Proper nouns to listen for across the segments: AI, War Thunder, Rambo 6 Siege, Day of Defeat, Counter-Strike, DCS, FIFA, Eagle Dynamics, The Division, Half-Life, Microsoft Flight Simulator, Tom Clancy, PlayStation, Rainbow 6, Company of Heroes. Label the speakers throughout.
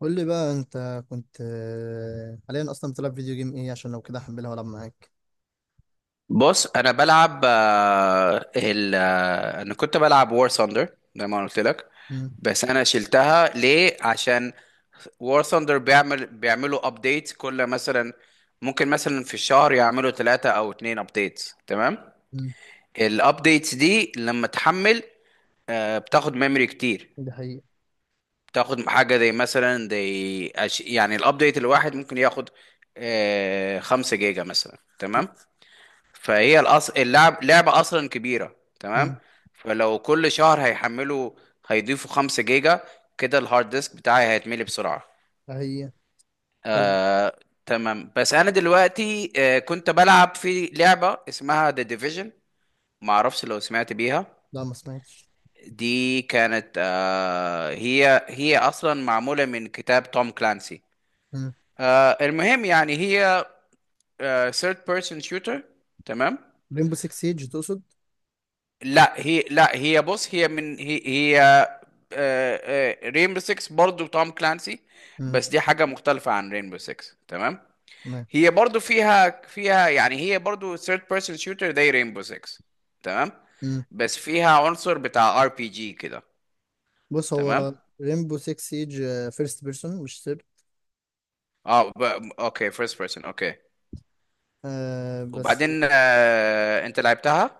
Speaker 1: قول لي بقى انت كنت آه، حاليا اصلا بتلعب فيديو جيم ايه؟ عشان لو كده هحملها والعب معاك.
Speaker 2: بص انا بلعب آه، ال آه، انا كنت بلعب وور ثاندر زي ما أنا قلت لك.
Speaker 1: امم.
Speaker 2: بس انا شلتها ليه؟ عشان وور ثاندر بيعملوا ابديت. كل مثلا ممكن مثلا في الشهر يعملوا ثلاثة او اتنين ابديت، تمام؟
Speaker 1: امم.
Speaker 2: الابديتس دي لما تحمل بتاخد ميموري كتير.
Speaker 1: ده حقيقة.
Speaker 2: بتاخد حاجة زي مثلا زي يعني الابديت الواحد ممكن ياخد 5 جيجا مثلا، تمام. اللعب لعبة أصلا كبيرة، تمام.
Speaker 1: امم.
Speaker 2: فلو كل شهر هيحملوا، هيضيفوا 5 جيجا، كده الهارد ديسك بتاعي هيتملي بسرعة.
Speaker 1: ده حقيقة. طب.
Speaker 2: آه... تمام. بس أنا دلوقتي كنت بلعب في لعبة اسمها The Division، معرفش لو سمعت بيها.
Speaker 1: لا، ما سمعتش.
Speaker 2: دي كانت هي أصلا معمولة من كتاب توم كلانسي.
Speaker 1: امم.
Speaker 2: المهم يعني هي third person shooter، تمام.
Speaker 1: ريمبو 6 سيج تقصد؟
Speaker 2: لا هي بص هي من هي هي آه، آه، رينبو 6 برضو توم كلانسي.
Speaker 1: امم.
Speaker 2: بس دي حاجة مختلفة عن رينبو 6، تمام.
Speaker 1: تمام.
Speaker 2: هي برضو فيها يعني هي برضو third person shooter زي رينبو 6، تمام.
Speaker 1: امم.
Speaker 2: بس فيها عنصر بتاع ار بي جي كده،
Speaker 1: بص،
Speaker 2: تمام.
Speaker 1: هو ريمبو 6 سيج فيرست بيرسون، مش سير.
Speaker 2: اه ب... اوكي، فيرست بيرسون، اوكي.
Speaker 1: آه بس.
Speaker 2: وبعدين انت لعبتها؟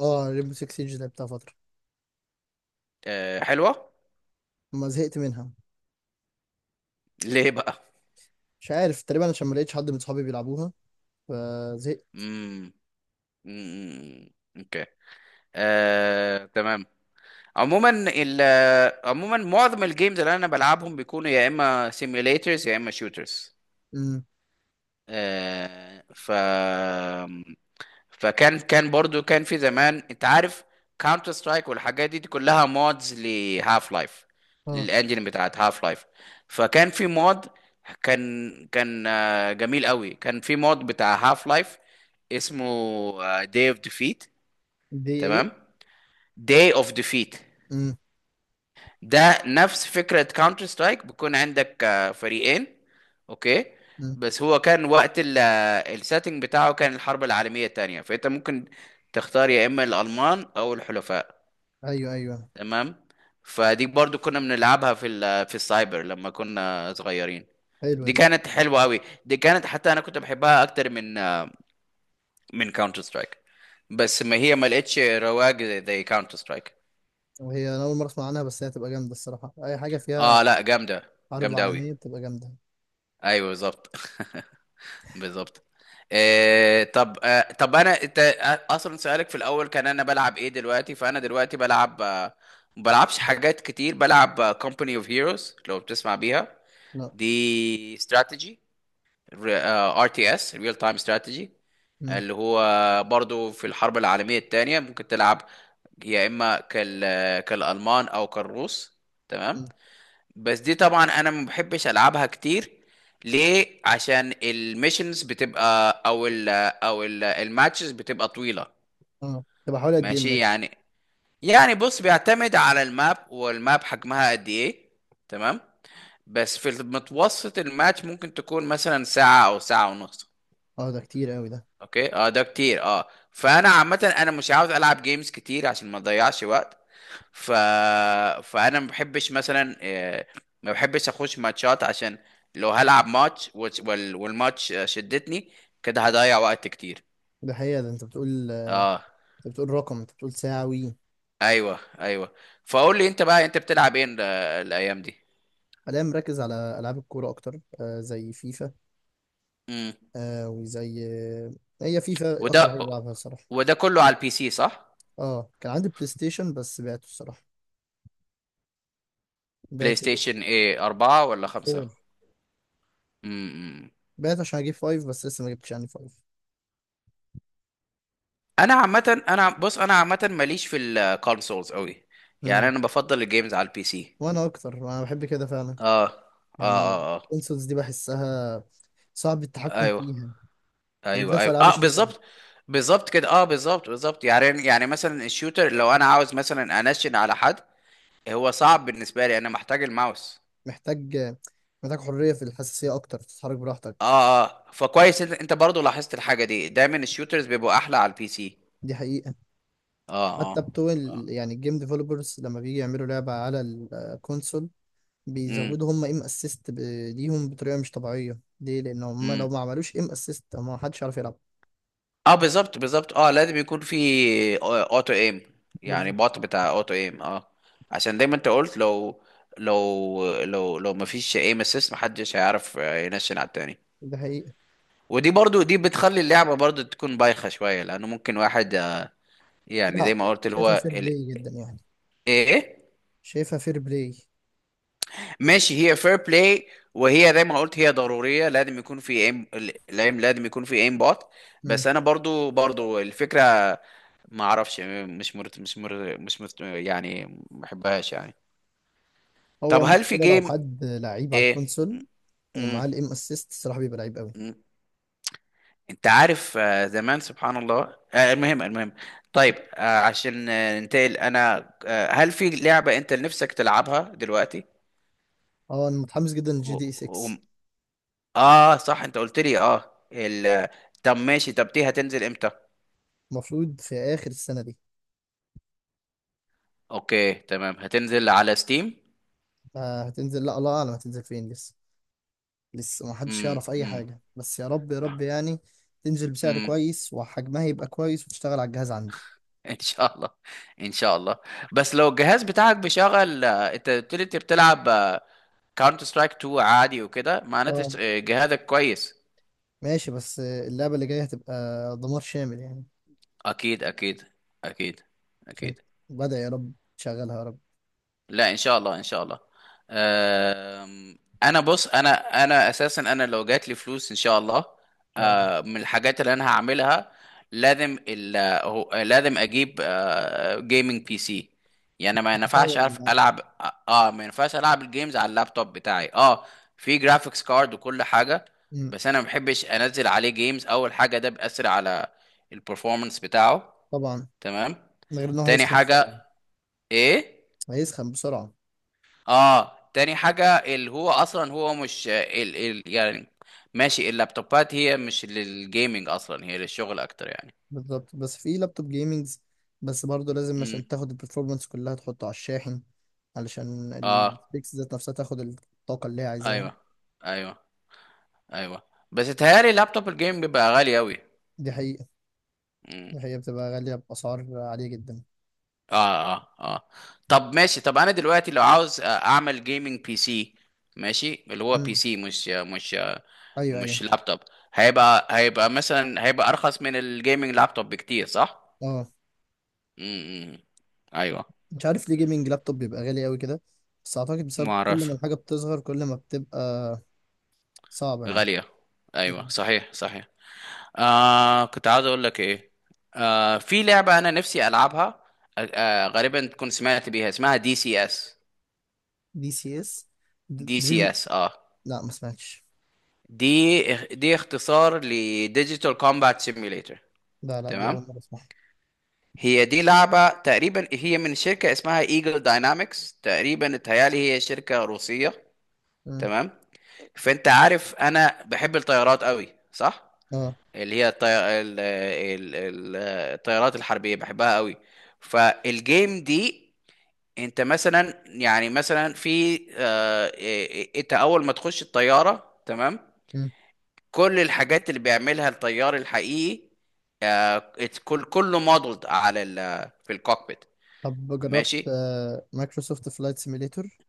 Speaker 1: اه، ريمبو 6 سيج لعبتها فترة.
Speaker 2: حلوة.
Speaker 1: ما زهقت منها.
Speaker 2: ليه بقى؟
Speaker 1: مش عارف، تقريبا عشان ما لقيتش حد من صحابي بيلعبوها فزهقت.
Speaker 2: امم. أمم، اوكي. تمام. عموما ال عموما معظم الجيمز اللي انا بلعبهم بيكونوا يا اما سيميليترز يا اما شوترز.
Speaker 1: امم.
Speaker 2: آه ف فكان كان في زمان انت عارف كاونتر سترايك والحاجات دي, دي كلها مودز لهاف لايف،
Speaker 1: اه.
Speaker 2: للانجن بتاعت هاف لايف. فكان في مود، كان كان آه، جميل قوي، كان في مود بتاع هاف لايف اسمه داي اوف ديفيت،
Speaker 1: دي ايه؟
Speaker 2: تمام. داي اوف ديفيت
Speaker 1: امم.
Speaker 2: ده نفس فكرة كاونتر سترايك. بيكون عندك فريقين، اوكي.
Speaker 1: امم.
Speaker 2: بس هو كان وقت السيتنج بتاعه كان الحرب العالمية التانية، فانت ممكن تختار يا اما الالمان او الحلفاء،
Speaker 1: ايوه ايوه.
Speaker 2: تمام. فدي برضو كنا بنلعبها في في السايبر لما كنا صغيرين.
Speaker 1: حلوة
Speaker 2: دي
Speaker 1: دي.
Speaker 2: كانت حلوة قوي. دي كانت حتى انا كنت بحبها اكتر من من كاونتر سترايك. بس ما هي ما لقتش رواج زي كاونتر سترايك.
Speaker 1: هي انا اول مره اسمع عنها، بس هي هتبقى جامده الصراحه. اي حاجه
Speaker 2: اه
Speaker 1: فيها
Speaker 2: لا، جامدة.
Speaker 1: حرب
Speaker 2: جامدة قوي.
Speaker 1: عالميه بتبقى جامده.
Speaker 2: ايوه بالظبط. بالظبط. آه طب آه طب انا انت آه، اصلا سؤالك في الاول كان انا بلعب ايه دلوقتي؟ فانا دلوقتي بلعب ما بلعبش حاجات كتير. بلعب كومباني اوف هيروز، لو بتسمع بيها.
Speaker 1: لا.
Speaker 2: دي استراتيجي، ار تي اس، ريل تايم استراتيجي.
Speaker 1: امم.
Speaker 2: اللي هو برضو في الحرب العالمية الثانية ممكن تلعب يا اما كالالمان او كالروس، تمام.
Speaker 1: أمم.
Speaker 2: بس دي طبعا انا ما بحبش العبها كتير. ليه؟ عشان الميشنز بتبقى او ال او ال الماتشز بتبقى طويله.
Speaker 1: اه، تبقى حوالي قد ايه
Speaker 2: ماشي
Speaker 1: الماتش؟
Speaker 2: يعني. يعني بص بيعتمد على الماب، والماب حجمها قد ايه، تمام. بس في المتوسط الماتش ممكن تكون مثلا ساعه او ساعه ونص.
Speaker 1: اه، ده كتير قوي ده.
Speaker 2: اوكي، اه ده كتير، اه. فانا عامه انا مش عاوز العب جيمز كتير عشان ما اضيعش وقت. ف... فانا ما بحبش مثلا ما بحبش اخش ماتشات عشان لو هلعب ماتش والماتش شدتني كده هضيع وقت كتير.
Speaker 1: ده حقيقه ده انت بتقول.
Speaker 2: اه
Speaker 1: انت بتقول رقم، انت بتقول ساعوي.
Speaker 2: ايوه ايوه. فقول لي انت بقى، انت بتلعب ايه الايام دي؟
Speaker 1: حاليا مركز على العاب الكوره اكتر، زي فيفا.
Speaker 2: امم.
Speaker 1: آه وزي آه هي فيفا اكتر
Speaker 2: وده
Speaker 1: حاجه بلعبها الصراحه.
Speaker 2: وده كله على البي سي صح؟
Speaker 1: اه، كان عندي بلاي ستيشن بس بعته الصراحه،
Speaker 2: بلاي
Speaker 1: بعته.
Speaker 2: ستيشن ايه، أربعة ولا خمسة؟
Speaker 1: فور.
Speaker 2: امم.
Speaker 1: بعته عشان اجيب فايف، بس لسه ما جبتش يعني فايف.
Speaker 2: انا عامه بص انا عامه ماليش في الكونسولز قوي. يعني
Speaker 1: امم.
Speaker 2: انا بفضل الجيمز على البي سي.
Speaker 1: وانا اكتر، انا بحب كده فعلا.
Speaker 2: اه اه
Speaker 1: يعني
Speaker 2: اه. اه
Speaker 1: الكونسولز دي بحسها صعب التحكم
Speaker 2: ايوه
Speaker 1: فيها،
Speaker 2: ايوه
Speaker 1: وبالذات في
Speaker 2: ايوه
Speaker 1: ألعاب
Speaker 2: اه
Speaker 1: الشوتر.
Speaker 2: بالظبط. بالظبط كده، اه بالظبط بالظبط. يعني يعني مثلا الشوتر لو انا عاوز مثلا انشن على حد، هو صعب بالنسبه لي. انا محتاج الماوس.
Speaker 1: محتاج محتاج حرية في الحساسية أكتر، تتحرك براحتك.
Speaker 2: اه اه. فكويس، انت انت برضه لاحظت الحاجه دي، دايما الشوترز بيبقوا احلى على البي سي.
Speaker 1: دي حقيقة.
Speaker 2: اه
Speaker 1: حتى
Speaker 2: اه.
Speaker 1: بتوع يعني الجيم ديفلوبرز لما بيجي يعملوا لعبة على الكونسول،
Speaker 2: امم
Speaker 1: بيزودوا هم ايم اسيست ليهم بطريقة مش طبيعية. ليه؟ لأن هم لو
Speaker 2: امم.
Speaker 1: ما عملوش ايم اسيست، ما حدش يعرف يلعب.
Speaker 2: اه بالظبط بالظبط. اه لازم يكون في اوتو ايم. يعني
Speaker 1: بالظبط.
Speaker 2: بوت بتاع اوتو ايم، اه. عشان زي ما انت قلت، لو مفيش ايم اسيست محدش هيعرف ينشن على التاني.
Speaker 1: دي حقيقة.
Speaker 2: ودي برضو دي بتخلي اللعبة برضو تكون بايخة شوية، لأنه ممكن واحد يعني زي
Speaker 1: لا،
Speaker 2: ما قلت اللي
Speaker 1: شايفها
Speaker 2: هو
Speaker 1: فير بلاي جدا يعني.
Speaker 2: إيه؟
Speaker 1: شايفها فير بلاي.
Speaker 2: ماشي، هي فير بلاي. وهي زي ما قلت هي ضرورية، لازم يكون في ايم. الايم لازم يكون في ايم بوت. بس أنا برضو الفكرة ما أعرفش، مش مرت يعني، ما بحبهاش يعني.
Speaker 1: هو
Speaker 2: طب هل في
Speaker 1: مشكلة لو
Speaker 2: جيم؟
Speaker 1: حد لعيب على
Speaker 2: إيه؟
Speaker 1: الكونسول ومعاه الام اسيست الصراحة، بيبقى لعيب قوي.
Speaker 2: مم. انت عارف زمان سبحان الله. المهم المهم، طيب عشان ننتقل، انا هل في لعبة انت نفسك تلعبها دلوقتي؟
Speaker 1: اه، انا متحمس جدا
Speaker 2: و...
Speaker 1: للجي دي اي
Speaker 2: و...
Speaker 1: 6.
Speaker 2: اه صح، انت قلت لي اه ال... طب ماشي، طب دي هتنزل امتى؟
Speaker 1: المفروض في اخر السنة دي.
Speaker 2: اوكي تمام. هتنزل على ستيم؟
Speaker 1: هتنزل. لا، الله اعلم هتنزل فين لسه. لسه ما حدش
Speaker 2: امم
Speaker 1: يعرف اي
Speaker 2: امم
Speaker 1: حاجة، بس يا رب يا رب يعني تنزل بسعر
Speaker 2: امم.
Speaker 1: كويس وحجمها يبقى كويس وتشتغل على الجهاز عندي.
Speaker 2: ان شاء الله، ان شاء الله. بس لو الجهاز بتاعك بيشغل انت قلت لي انت بتلعب كاونتر سترايك 2 عادي وكده، معناته
Speaker 1: اه
Speaker 2: جهازك كويس.
Speaker 1: ماشي، بس اللعبة اللي جاية هتبقى دمار شامل يعني.
Speaker 2: اكيد اكيد اكيد
Speaker 1: عشان
Speaker 2: اكيد.
Speaker 1: بدأ، يا رب تشغلها يا رب.
Speaker 2: لا ان شاء الله، ان شاء الله. أم، انا انا اساسا انا لو جات لي فلوس ان شاء الله،
Speaker 1: ان شاء الله.
Speaker 2: من الحاجات اللي انا هعملها لازم لازم اجيب جيمنج بي سي. يعني ما ينفعش
Speaker 1: تطور من
Speaker 2: اعرف
Speaker 1: عندك.
Speaker 2: العب اه، ما ينفعش العب الجيمز على اللابتوب بتاعي. اه في جرافيكس كارد وكل حاجه،
Speaker 1: مم.
Speaker 2: بس انا ما بحبش انزل عليه جيمز. اول حاجه ده بيأثر على البرفورمانس بتاعه،
Speaker 1: طبعا.
Speaker 2: تمام.
Speaker 1: من غير ان هو
Speaker 2: تاني
Speaker 1: هيسخن بسرعة.
Speaker 2: حاجة، ايه؟
Speaker 1: هيسخن بسرعة.
Speaker 2: اه تاني حاجة اللي هو اصلا هو مش ال ال يعني ماشي، اللابتوبات هي مش للجيمنج اصلا، هي للشغل اكتر يعني.
Speaker 1: بالظبط، بس في لابتوب جيمنجز. بس برضه لازم
Speaker 2: امم
Speaker 1: عشان تاخد البرفورمانس كلها تحطه على الشاحن، علشان
Speaker 2: اه
Speaker 1: البيكس ذات نفسها تاخد الطاقة اللي هي عايزاها.
Speaker 2: ايوه ايوه ايوه. بس اتهيألي لابتوب الجيم بيبقى غالي اوي.
Speaker 1: دي حقيقة.
Speaker 2: امم
Speaker 1: دي حقيقة، بتبقى غالية بأسعار عالية جدا.
Speaker 2: اه اه اه. طب ماشي، طب انا دلوقتي لو عاوز اعمل جيمنج بي سي، ماشي اللي هو بي
Speaker 1: امم.
Speaker 2: سي
Speaker 1: أيوه أيوه.
Speaker 2: مش لابتوب، هيبقى مثلا هيبقى ارخص من الجيمنج لابتوب بكتير صح؟
Speaker 1: أه.
Speaker 2: امم ايوه.
Speaker 1: مش عارف ليه جيمنج لابتوب بيبقى غالي أوي كده، بس أعتقد
Speaker 2: ما
Speaker 1: بسبب كل ما
Speaker 2: اعرف،
Speaker 1: الحاجة بتصغر كل ما بتبقى صعبة يعني.
Speaker 2: غالية. ايوه
Speaker 1: مم.
Speaker 2: صحيح صحيح. آه كنت عاوز اقول لك ايه، في لعبة انا نفسي العبها، آه غالبا تكون سمعت بيها، اسمها دي سي اس.
Speaker 1: دي سي اس.
Speaker 2: دي سي
Speaker 1: دريم.
Speaker 2: اس، اه.
Speaker 1: لا ما سمعتش.
Speaker 2: دي دي اختصار لديجيتال كومبات سيميوليتر،
Speaker 1: لا لا، دي
Speaker 2: تمام.
Speaker 1: أول مرة أسمعها.
Speaker 2: هي دي لعبة، تقريبا هي من شركة اسمها ايجل داينامكس، تقريبا اتهيالي هي شركة روسية،
Speaker 1: مم.
Speaker 2: تمام. فانت عارف انا بحب الطيارات قوي صح؟
Speaker 1: أه.
Speaker 2: اللي هي الطيارات الحربية بحبها قوي. فالجيم دي، انت مثلا يعني مثلا في انت اول ما تخش الطيارة، تمام.
Speaker 1: مم.
Speaker 2: كل الحاجات اللي بيعملها الطيار الحقيقي، كله مودلد على في الكوكبيت.
Speaker 1: طب جربت
Speaker 2: ماشي.
Speaker 1: مايكروسوفت فلايت سيميليتور؟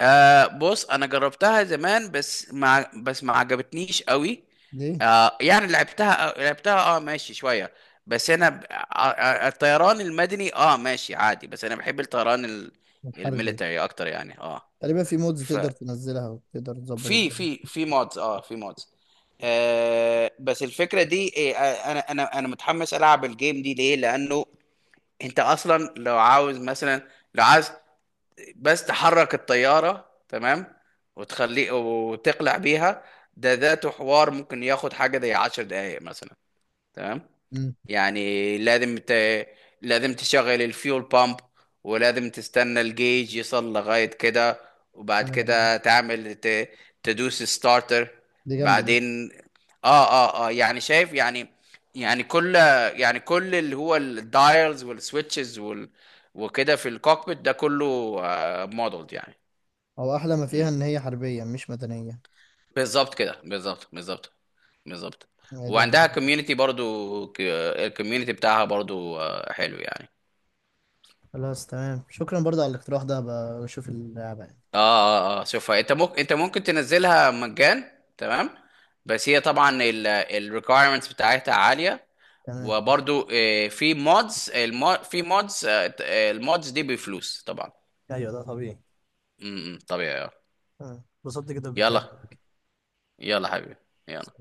Speaker 2: آه بص انا جربتها زمان بس ما بس ما عجبتنيش قوي.
Speaker 1: ليه؟
Speaker 2: آه يعني لعبتها اه ماشي شويه. بس انا ب... آه آه، الطيران المدني اه ماشي عادي، بس انا بحب الطيران
Speaker 1: الحرب دي.
Speaker 2: الميليتري اكتر يعني اه.
Speaker 1: تقريبا في مودز تقدر تنزلها وتقدر تظبط
Speaker 2: ففي
Speaker 1: الدنيا.
Speaker 2: في في مودز اه في مودز. آه بس الفكره دي إيه، آه، انا متحمس العب الجيم دي ليه؟ لانه انت اصلا لو عاوز مثلا، لو عايز بس تحرك الطيارة، تمام. وتخليه وتقلع بيها، ده ذاته حوار ممكن ياخد حاجة زي 10 دقايق مثلا، تمام.
Speaker 1: امم.
Speaker 2: يعني لازم تشغل الفيول بامب، ولازم تستنى الجيج يصل لغاية كده،
Speaker 1: اه.
Speaker 2: وبعد
Speaker 1: آه.
Speaker 2: كده تدوس ستارتر.
Speaker 1: دي جامدة دي.
Speaker 2: بعدين اه اه اه، يعني شايف يعني. يعني كل، يعني كل اللي هو الدايلز والسويتشز وكده في الكوكبيت ده كله مودلد يعني.
Speaker 1: هو أحلى ما فيها
Speaker 2: مم.
Speaker 1: إن هي حربية مش مدنية.
Speaker 2: بالظبط كده، بالظبط بالظبط بالظبط.
Speaker 1: هي دي أحلى
Speaker 2: وعندها
Speaker 1: حاجة.
Speaker 2: كوميونتي برضو، الكوميونتي بتاعها برضو حلو يعني.
Speaker 1: خلاص تمام، شكرا برضه على الاقتراح ده. بشوف اللعبة يعني.
Speaker 2: اه اه اه شوفها. انت ممكن، انت ممكن تنزلها مجان، تمام. بس هي طبعا الريكويرمنتس بتاعتها عاليه.
Speaker 1: تمام.
Speaker 2: وبرضو في مودز، في مودز، المودز دي بفلوس طبعا.
Speaker 1: ايوه ده طبيعي.
Speaker 2: طبيعي آه.
Speaker 1: اتبسطت جدا بالكلام
Speaker 2: يلا،
Speaker 1: معاك.
Speaker 2: يلا حبيبي، يلا.